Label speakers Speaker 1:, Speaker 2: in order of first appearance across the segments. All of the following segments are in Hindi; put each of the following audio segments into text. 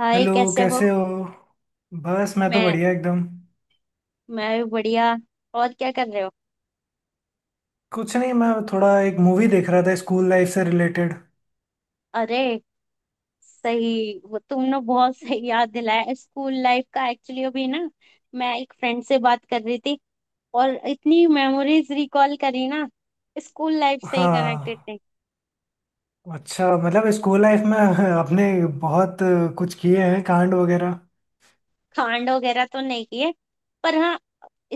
Speaker 1: हाय,
Speaker 2: हेलो।
Speaker 1: कैसे हो।
Speaker 2: कैसे हो। बस मैं तो
Speaker 1: मैं
Speaker 2: बढ़िया एकदम।
Speaker 1: मैं भी बढ़िया। और क्या कर रहे हो?
Speaker 2: कुछ नहीं, मैं थोड़ा एक मूवी देख रहा था स्कूल लाइफ से रिलेटेड।
Speaker 1: अरे सही, वो तुमने बहुत सही याद दिलाया स्कूल लाइफ का। एक्चुअली अभी ना मैं एक फ्रेंड से बात कर रही थी और इतनी मेमोरीज रिकॉल करी ना, स्कूल लाइफ से ही कनेक्टेड
Speaker 2: हाँ।
Speaker 1: थी।
Speaker 2: अच्छा मतलब स्कूल लाइफ में आपने बहुत कुछ किए हैं कांड वगैरह।
Speaker 1: कांड वगैरह तो नहीं किए, पर हाँ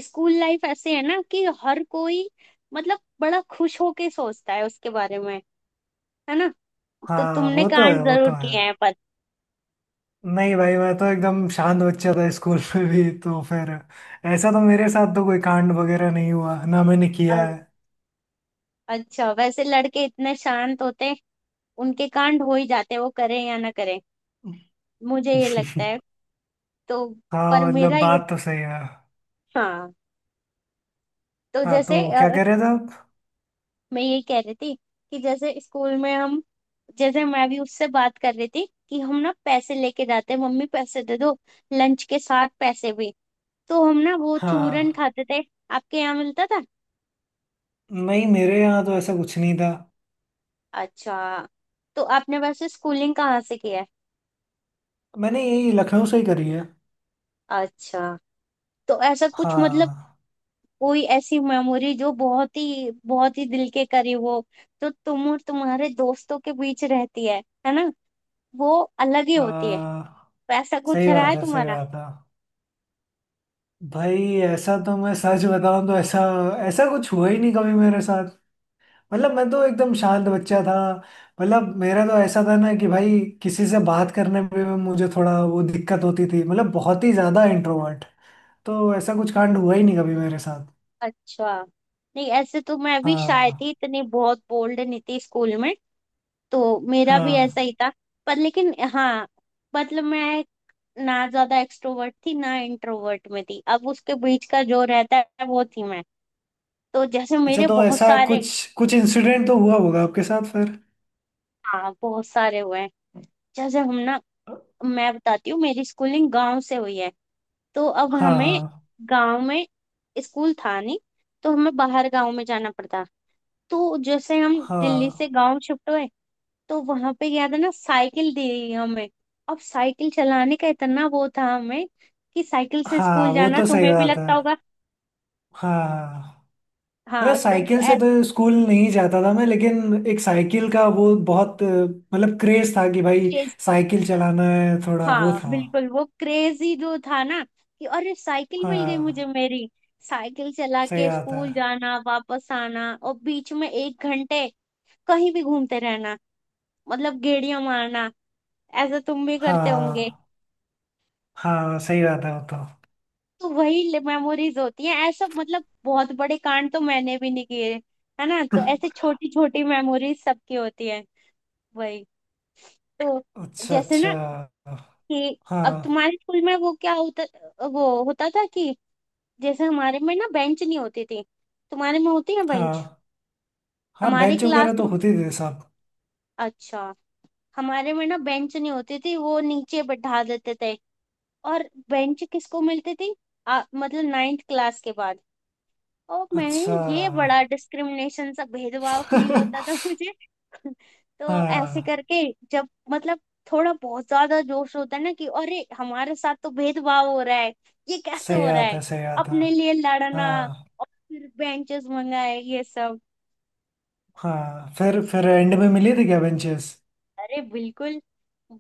Speaker 1: स्कूल लाइफ ऐसे है ना कि हर कोई मतलब बड़ा खुश होके सोचता है उसके बारे में, है ना। तो
Speaker 2: हाँ
Speaker 1: तुमने
Speaker 2: वो तो
Speaker 1: कांड
Speaker 2: है, वो तो
Speaker 1: जरूर
Speaker 2: है।
Speaker 1: किए हैं।
Speaker 2: नहीं भाई, मैं तो एकदम शांत बच्चा था स्कूल में भी, तो फिर ऐसा तो मेरे साथ तो कोई कांड वगैरह नहीं हुआ ना मैंने किया
Speaker 1: पर
Speaker 2: है।
Speaker 1: अच्छा, वैसे लड़के इतने शांत होते हैं उनके कांड हो ही जाते हैं, वो करें या ना करें, मुझे ये लगता है। तो पर
Speaker 2: हाँ
Speaker 1: मेरा
Speaker 2: मतलब
Speaker 1: ये,
Speaker 2: बात तो सही है।
Speaker 1: हाँ। तो
Speaker 2: हाँ तो
Speaker 1: जैसे
Speaker 2: क्या कह रहे थे आप।
Speaker 1: मैं ये कह रही थी कि जैसे स्कूल में हम, जैसे मैं भी उससे बात कर रही थी कि हम ना पैसे लेके जाते हैं, मम्मी पैसे दे दो, लंच के साथ पैसे भी। तो हम ना वो चूरन
Speaker 2: हाँ।
Speaker 1: खाते थे। आपके यहाँ मिलता था?
Speaker 2: नहीं मेरे यहाँ तो ऐसा कुछ नहीं था।
Speaker 1: अच्छा, तो आपने वैसे स्कूलिंग कहाँ से किया है?
Speaker 2: मैंने यही लखनऊ से ही करी है।
Speaker 1: अच्छा, तो ऐसा कुछ मतलब
Speaker 2: हाँ।
Speaker 1: कोई ऐसी मेमोरी जो बहुत ही दिल के करीब हो, जो तुम और तुम्हारे दोस्तों के बीच रहती है ना, वो अलग ही होती है।
Speaker 2: आ,
Speaker 1: तो ऐसा कुछ
Speaker 2: सही
Speaker 1: रहा
Speaker 2: बात
Speaker 1: है
Speaker 2: है, सही
Speaker 1: तुम्हारा?
Speaker 2: बात है भाई। ऐसा तो, मैं सच बताऊं तो, ऐसा ऐसा कुछ हुआ ही नहीं कभी मेरे साथ। मतलब मैं तो एकदम शांत बच्चा था। मतलब मेरा तो ऐसा था ना कि भाई किसी से बात करने में भी मुझे थोड़ा वो दिक्कत होती थी, मतलब बहुत ही ज्यादा इंट्रोवर्ट। तो ऐसा कुछ कांड हुआ ही नहीं कभी मेरे साथ।
Speaker 1: अच्छा, नहीं ऐसे तो मैं भी शाय
Speaker 2: हाँ।
Speaker 1: थी, इतनी बहुत बोल्ड नहीं थी स्कूल में। तो मेरा भी ऐसा
Speaker 2: हाँ।
Speaker 1: ही था। पर लेकिन हाँ, मतलब मैं ना ज्यादा एक्सट्रोवर्ट थी ना इंट्रोवर्ट में थी, अब उसके बीच का जो रहता है वो थी मैं। तो जैसे
Speaker 2: अच्छा
Speaker 1: मेरे
Speaker 2: तो
Speaker 1: बहुत
Speaker 2: ऐसा
Speaker 1: सारे,
Speaker 2: कुछ कुछ इंसिडेंट तो हुआ होगा आपके साथ फिर।
Speaker 1: हाँ बहुत सारे हुए हैं। जैसे हम ना, मैं बताती हूँ, मेरी स्कूलिंग गांव से हुई है। तो अब हमें
Speaker 2: हाँ।
Speaker 1: गांव में स्कूल था नहीं, तो हमें बाहर गांव में जाना पड़ता। तो जैसे हम दिल्ली से
Speaker 2: हाँ।
Speaker 1: गांव शिफ्ट हुए, तो वहां पे याद है ना, साइकिल दी गई हमें। अब साइकिल चलाने का इतना वो था हमें कि साइकिल से
Speaker 2: हाँ
Speaker 1: स्कूल
Speaker 2: वो
Speaker 1: जाना
Speaker 2: तो सही
Speaker 1: तुम्हें भी
Speaker 2: बात है।
Speaker 1: लगता होगा।
Speaker 2: हाँ मतलब
Speaker 1: हाँ, तो
Speaker 2: साइकिल से तो स्कूल नहीं जाता था मैं, लेकिन एक साइकिल का वो बहुत मतलब क्रेज था कि भाई
Speaker 1: ऐसे
Speaker 2: साइकिल चलाना है, थोड़ा वो
Speaker 1: हाँ,
Speaker 2: था।
Speaker 1: बिल्कुल वो क्रेजी जो था ना कि अरे साइकिल मिल गई मुझे
Speaker 2: हाँ
Speaker 1: मेरी, साइकिल चला
Speaker 2: सही
Speaker 1: के
Speaker 2: बात है।
Speaker 1: स्कूल जाना, वापस आना, और बीच में एक घंटे कहीं भी घूमते रहना, मतलब गेड़ियां मारना। ऐसा तुम भी करते होंगे।
Speaker 2: हाँ। हाँ सही बात है वो तो।
Speaker 1: तो वही मेमोरीज होती हैं, ऐसा मतलब बहुत बड़े कांड तो मैंने भी नहीं किए, है ना। तो ऐसे छोटी छोटी मेमोरीज सबकी होती है, वही। तो
Speaker 2: अच्छा
Speaker 1: जैसे ना
Speaker 2: अच्छा।
Speaker 1: कि अब
Speaker 2: हाँ।
Speaker 1: तुम्हारे स्कूल में वो क्या होता, वो होता था कि जैसे हमारे में ना बेंच नहीं होती थी। तुम्हारे में होती है बेंच?
Speaker 2: हाँ। हाँ
Speaker 1: हमारे
Speaker 2: बेंच वगैरह तो
Speaker 1: क्लासरूम,
Speaker 2: होती थी सब।
Speaker 1: अच्छा। हमारे में ना बेंच नहीं होती थी, वो नीचे बैठा देते थे। और बेंच किसको मिलती थी? मतलब नाइन्थ क्लास के बाद। और मैं,
Speaker 2: अच्छा।
Speaker 1: ये बड़ा डिस्क्रिमिनेशन सा भेदभाव फील होता था मुझे। तो ऐसे
Speaker 2: हाँ
Speaker 1: करके जब मतलब थोड़ा बहुत ज्यादा जोश होता है ना कि अरे हमारे साथ तो भेदभाव हो रहा है, ये कैसे
Speaker 2: सही
Speaker 1: हो रहा
Speaker 2: बात
Speaker 1: है,
Speaker 2: है, सही बात है।
Speaker 1: अपने लिए लड़ना।
Speaker 2: हाँ।
Speaker 1: और फिर बेंचेस मंगाए ये सब।
Speaker 2: हाँ फिर एंड में मिली थी क्या बेंचेस।
Speaker 1: अरे बिल्कुल।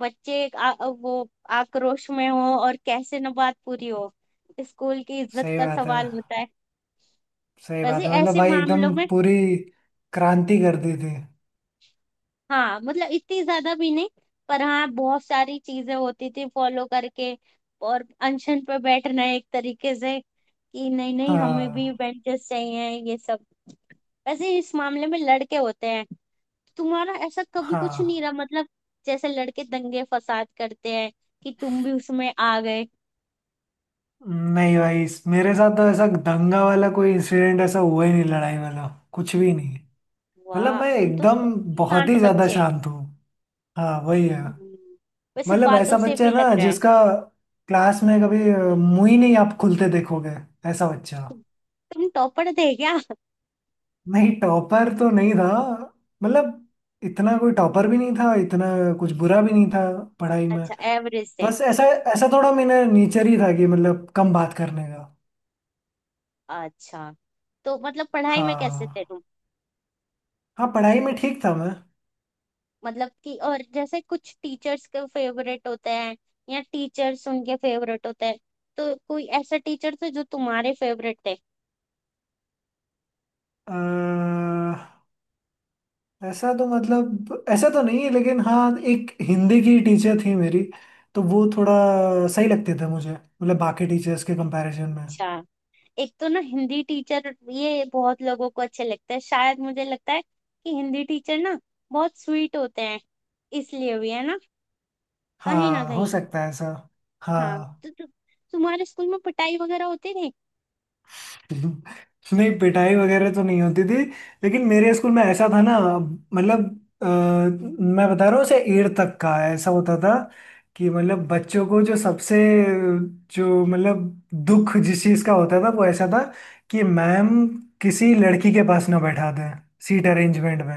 Speaker 1: बच्चे एक वो आक्रोश में हो, और कैसे न बात पूरी हो, स्कूल की इज्जत
Speaker 2: सही
Speaker 1: का
Speaker 2: बात है,
Speaker 1: सवाल होता है।
Speaker 2: सही बात
Speaker 1: वैसे
Speaker 2: है मतलब
Speaker 1: ऐसे
Speaker 2: भाई एकदम
Speaker 1: मामलों में
Speaker 2: पूरी क्रांति कर दी थी।
Speaker 1: हाँ मतलब इतनी ज्यादा भी नहीं, पर हाँ बहुत सारी चीजें होती थी फॉलो करके, और अनशन पे बैठना एक तरीके से कि नहीं नहीं, हमें भी
Speaker 2: हाँ।
Speaker 1: बेंचेस चाहिए ये सब। वैसे इस मामले में लड़के होते हैं, तुम्हारा ऐसा कभी कुछ नहीं
Speaker 2: हाँ
Speaker 1: रहा मतलब, जैसे लड़के दंगे फसाद करते हैं, कि तुम भी उसमें आ गए?
Speaker 2: नहीं भाई मेरे साथ तो ऐसा दंगा वाला कोई इंसिडेंट ऐसा हुआ ही नहीं, लड़ाई वाला कुछ भी नहीं। मतलब
Speaker 1: वाह,
Speaker 2: मैं
Speaker 1: तुम तो
Speaker 2: एकदम
Speaker 1: सच्ची
Speaker 2: बहुत
Speaker 1: शांत
Speaker 2: ही ज्यादा
Speaker 1: बच्चे।
Speaker 2: शांत हूँ। हाँ वही है।
Speaker 1: हम्म, वैसे
Speaker 2: मतलब
Speaker 1: बातों
Speaker 2: ऐसा
Speaker 1: से
Speaker 2: बच्चा
Speaker 1: भी
Speaker 2: है
Speaker 1: लग
Speaker 2: ना
Speaker 1: रहा है।
Speaker 2: जिसका क्लास में कभी मुंह ही नहीं आप खुलते देखोगे, ऐसा बच्चा।
Speaker 1: तुम टॉपर थे क्या?
Speaker 2: नहीं टॉपर तो नहीं था। मतलब इतना कोई टॉपर भी नहीं था इतना, कुछ बुरा भी नहीं था पढ़ाई में।
Speaker 1: अच्छा एवरेज थे?
Speaker 2: बस ऐसा, ऐसा थोड़ा मेरा नेचर ही था कि मतलब कम बात करने का।
Speaker 1: अच्छा, तो मतलब पढ़ाई में कैसे थे
Speaker 2: हाँ।
Speaker 1: तुम?
Speaker 2: हाँ पढ़ाई में ठीक था मैं।
Speaker 1: मतलब कि और जैसे कुछ टीचर्स के फेवरेट होते हैं, या टीचर्स उनके फेवरेट होते हैं, तो कोई ऐसा टीचर थे जो तुम्हारे फेवरेट थे?
Speaker 2: अह, ऐसा तो मतलब ऐसा तो नहीं है, लेकिन हाँ एक हिंदी की टीचर थी मेरी, तो वो थोड़ा सही लगते थे मुझे मतलब बाकी टीचर्स के कंपैरिजन में।
Speaker 1: अच्छा, एक तो ना हिंदी टीचर ये बहुत लोगों को अच्छे लगते हैं, शायद मुझे लगता है कि हिंदी टीचर ना बहुत स्वीट होते हैं, इसलिए भी है ना कहीं ना
Speaker 2: हाँ हो
Speaker 1: कहीं।
Speaker 2: सकता है ऐसा।
Speaker 1: हाँ,
Speaker 2: हाँ।
Speaker 1: तुम्हारे स्कूल में पिटाई वगैरह होती थी?
Speaker 2: नहीं पिटाई वगैरह तो नहीं होती थी, लेकिन मेरे स्कूल में ऐसा था ना, मतलब मैं बता रहा हूँ से एट तक का ऐसा होता था कि मतलब बच्चों को जो सबसे, जो मतलब दुख जिस चीज़ का होता था वो ऐसा था कि मैम किसी लड़की के पास ना बैठा दें सीट अरेंजमेंट में।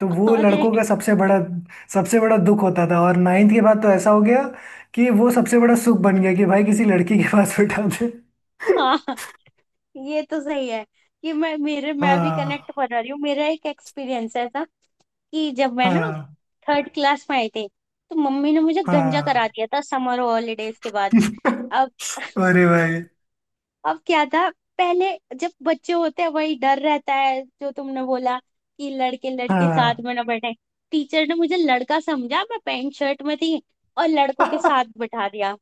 Speaker 2: तो वो
Speaker 1: अरे
Speaker 2: लड़कों का सबसे बड़ा दुख होता था, और नाइन्थ के बाद तो ऐसा हो गया कि वो सबसे बड़ा सुख बन गया कि भाई किसी लड़की के पास बैठा दे।
Speaker 1: हाँ, ये तो सही है कि मैं मेरे, मैं भी कनेक्ट
Speaker 2: हाँ।
Speaker 1: कर रही हूँ, मेरा एक एक्सपीरियंस है था कि जब मैं ना
Speaker 2: हाँ।
Speaker 1: थर्ड क्लास में आई थी तो मम्मी ने मुझे गंजा करा
Speaker 2: हाँ।
Speaker 1: दिया था समर हॉलीडेज के बाद। अब
Speaker 2: अरे भाई।
Speaker 1: अब क्या था? पहले जब बच्चे होते हैं वही डर रहता है जो तुमने बोला, कि लड़के लड़के साथ
Speaker 2: हाँ।
Speaker 1: में ना बैठे। टीचर ने मुझे लड़का समझा, मैं पैंट शर्ट में थी, और लड़कों के साथ बैठा दिया।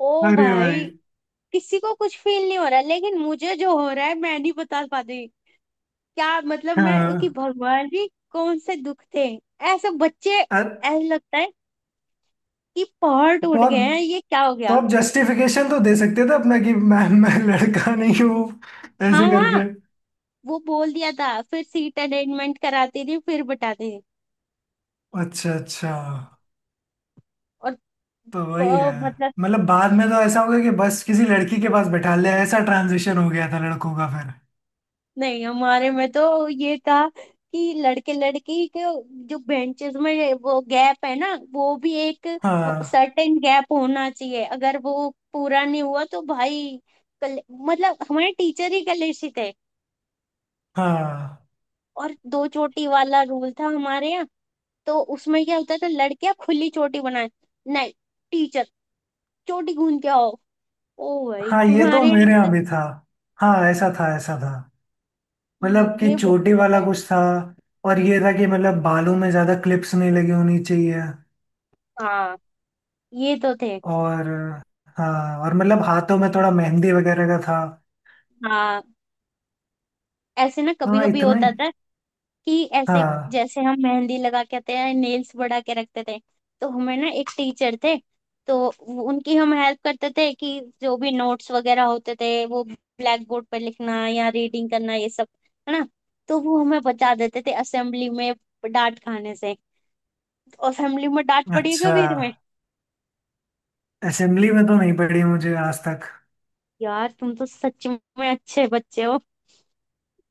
Speaker 1: ओ
Speaker 2: अरे भाई।
Speaker 1: भाई, किसी को कुछ फील नहीं हो रहा लेकिन मुझे जो हो रहा है मैं नहीं बता पाती। क्या मतलब मैं कि
Speaker 2: हाँ।
Speaker 1: भगवान जी कौन से दुख थे, ऐसे बच्चे
Speaker 2: अरे
Speaker 1: ऐसा लगता है कि पहाड़
Speaker 2: तो
Speaker 1: टूट
Speaker 2: आप
Speaker 1: गए हैं, ये क्या हो
Speaker 2: तो
Speaker 1: गया।
Speaker 2: आप जस्टिफिकेशन तो दे सकते थे अपना कि मैं लड़का नहीं हूँ,
Speaker 1: हाँ
Speaker 2: ऐसे करके।
Speaker 1: हाँ, वो बोल दिया था फिर, सीट अरेंजमेंट कराती थी फिर बताती थी।
Speaker 2: अच्छा अच्छा।
Speaker 1: और
Speaker 2: तो वही है,
Speaker 1: मतलब,
Speaker 2: मतलब बाद में तो ऐसा हो गया कि बस किसी लड़की के पास बैठा ले, ऐसा ट्रांजिशन हो गया था लड़कों का फिर।
Speaker 1: नहीं हमारे में तो ये था कि लड़के लड़की के जो बेंचेस में वो गैप है ना, वो भी एक
Speaker 2: हाँ।
Speaker 1: सर्टेन गैप होना चाहिए, अगर वो पूरा नहीं हुआ तो भाई कल, मतलब हमारे टीचर ही कलेशी थे।
Speaker 2: हाँ।
Speaker 1: और दो चोटी वाला रूल था हमारे यहाँ, तो उसमें क्या होता था लड़कियां खुली चोटी बनाए नहीं, टीचर चोटी गूंद के आओ। ओ भाई,
Speaker 2: हाँ ये तो
Speaker 1: तुम्हारे यहाँ
Speaker 2: मेरे यहाँ
Speaker 1: ऐसे-
Speaker 2: भी था। हाँ ऐसा था, ऐसा था। मतलब कि
Speaker 1: ये बहुत
Speaker 2: चोटी
Speaker 1: रहता
Speaker 2: वाला
Speaker 1: है।
Speaker 2: कुछ था, और ये था कि मतलब बालों में ज्यादा क्लिप्स नहीं लगी होनी चाहिए।
Speaker 1: हाँ ये तो थे।
Speaker 2: और हाँ, और मतलब हाथों में थोड़ा मेहंदी वगैरह का था।
Speaker 1: हाँ ऐसे ना कभी
Speaker 2: हाँ
Speaker 1: कभी
Speaker 2: इतना ही।
Speaker 1: होता था कि ऐसे
Speaker 2: हाँ।
Speaker 1: जैसे हम मेहंदी लगा के आते हैं, नेल्स बढ़ा के रखते थे। तो हमें ना एक टीचर थे, तो वो- उनकी हम हेल्प करते थे कि जो भी नोट्स वगैरह होते थे वो ब्लैक बोर्ड पर लिखना या रीडिंग करना ये सब, है ना। तो वो हमें बचा देते थे असेंबली में डांट खाने से। असेंबली में डांट पड़ी है
Speaker 2: अच्छा।
Speaker 1: कभी तुम्हें?
Speaker 2: असेंबली में तो नहीं पड़ी मुझे आज तक।
Speaker 1: यार, तुम तो सच में अच्छे बच्चे हो,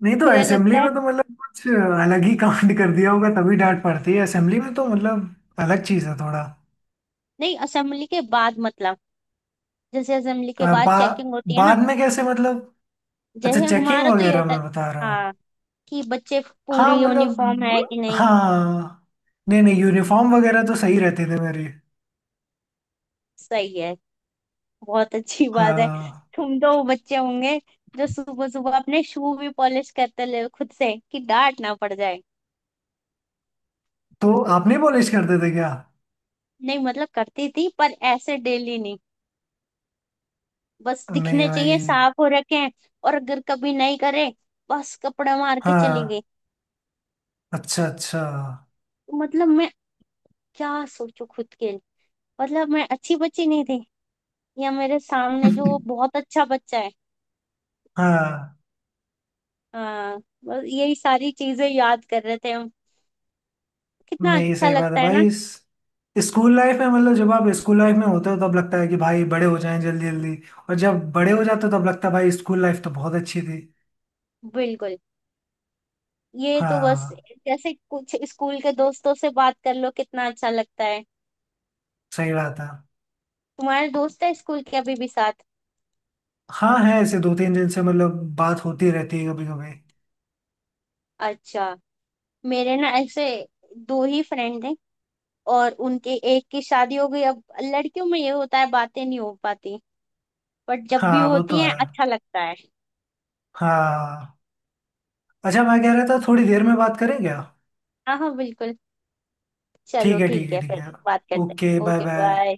Speaker 2: नहीं तो
Speaker 1: मुझे लगता
Speaker 2: असेंबली
Speaker 1: है।
Speaker 2: में तो मतलब कुछ अलग ही कांड कर दिया होगा तभी डांट पड़ती है असेंबली में, तो मतलब अलग चीज है थोड़ा।
Speaker 1: नहीं, असेंबली के बाद मतलब, जैसे असेंबली के
Speaker 2: अ,
Speaker 1: बाद
Speaker 2: बा,
Speaker 1: चेकिंग होती है ना,
Speaker 2: बाद में कैसे मतलब। अच्छा
Speaker 1: जैसे
Speaker 2: चेकिंग
Speaker 1: हमारा तो ये
Speaker 2: वगैरह
Speaker 1: होता है,
Speaker 2: में, बता रहा हूँ।
Speaker 1: हाँ, कि बच्चे
Speaker 2: हाँ
Speaker 1: पूरी यूनिफॉर्म
Speaker 2: मतलब
Speaker 1: है कि नहीं।
Speaker 2: हाँ, नहीं नहीं यूनिफॉर्म वगैरह तो सही रहते थे मेरे।
Speaker 1: सही है, बहुत अच्छी बात है।
Speaker 2: हाँ।
Speaker 1: तुम तो वो बच्चे होंगे जो सुबह सुबह अपने शू भी पॉलिश करते ले खुद से कि डांट ना पड़ जाए।
Speaker 2: तो आप नहीं पॉलिश करते थे क्या।
Speaker 1: नहीं मतलब करती थी पर ऐसे डेली नहीं, बस
Speaker 2: नहीं
Speaker 1: दिखने चाहिए
Speaker 2: भाई।
Speaker 1: साफ हो रखे हैं। और अगर कभी नहीं करे, बस कपड़ा मार के चली गई।
Speaker 2: हाँ अच्छा अच्छा।
Speaker 1: तो मतलब मैं क्या सोचू खुद के लिए, मतलब मैं अच्छी बच्ची नहीं थी, या मेरे सामने जो बहुत अच्छा बच्चा है?
Speaker 2: हाँ
Speaker 1: हाँ, बस यही सारी चीजें याद कर रहे थे हम, कितना
Speaker 2: नहीं
Speaker 1: अच्छा
Speaker 2: सही बात है
Speaker 1: लगता है ना।
Speaker 2: भाई। स्कूल लाइफ में मतलब जब आप स्कूल लाइफ में होते हो तब लगता है कि भाई बड़े हो जाएं जल्दी जल्दी, और जब बड़े हो जाते हो तब लगता है भाई स्कूल लाइफ तो बहुत अच्छी थी।
Speaker 1: बिल्कुल, ये तो बस
Speaker 2: हाँ
Speaker 1: जैसे कुछ स्कूल के दोस्तों से बात कर लो कितना अच्छा लगता है।
Speaker 2: सही बात है।
Speaker 1: तुम्हारे दोस्त है स्कूल के अभी भी साथ?
Speaker 2: हाँ है, ऐसे दो तीन दिन से मतलब बात होती रहती है कभी कभी।
Speaker 1: अच्छा। मेरे ना ऐसे दो ही फ्रेंड हैं, और उनके एक की शादी हो गई, अब लड़कियों में ये होता है बातें नहीं हो पाती, बट जब भी
Speaker 2: हाँ वो
Speaker 1: होती
Speaker 2: तो
Speaker 1: हैं
Speaker 2: है।
Speaker 1: अच्छा लगता है।
Speaker 2: हाँ अच्छा, मैं कह रहा था थोड़ी देर में बात करें क्या।
Speaker 1: हाँ हाँ बिल्कुल, चलो
Speaker 2: ठीक है, ठीक
Speaker 1: ठीक
Speaker 2: है,
Speaker 1: है
Speaker 2: ठीक
Speaker 1: फिर
Speaker 2: है।
Speaker 1: बात करते
Speaker 2: ओके
Speaker 1: हैं,
Speaker 2: बाय
Speaker 1: ओके
Speaker 2: बाय।
Speaker 1: बाय।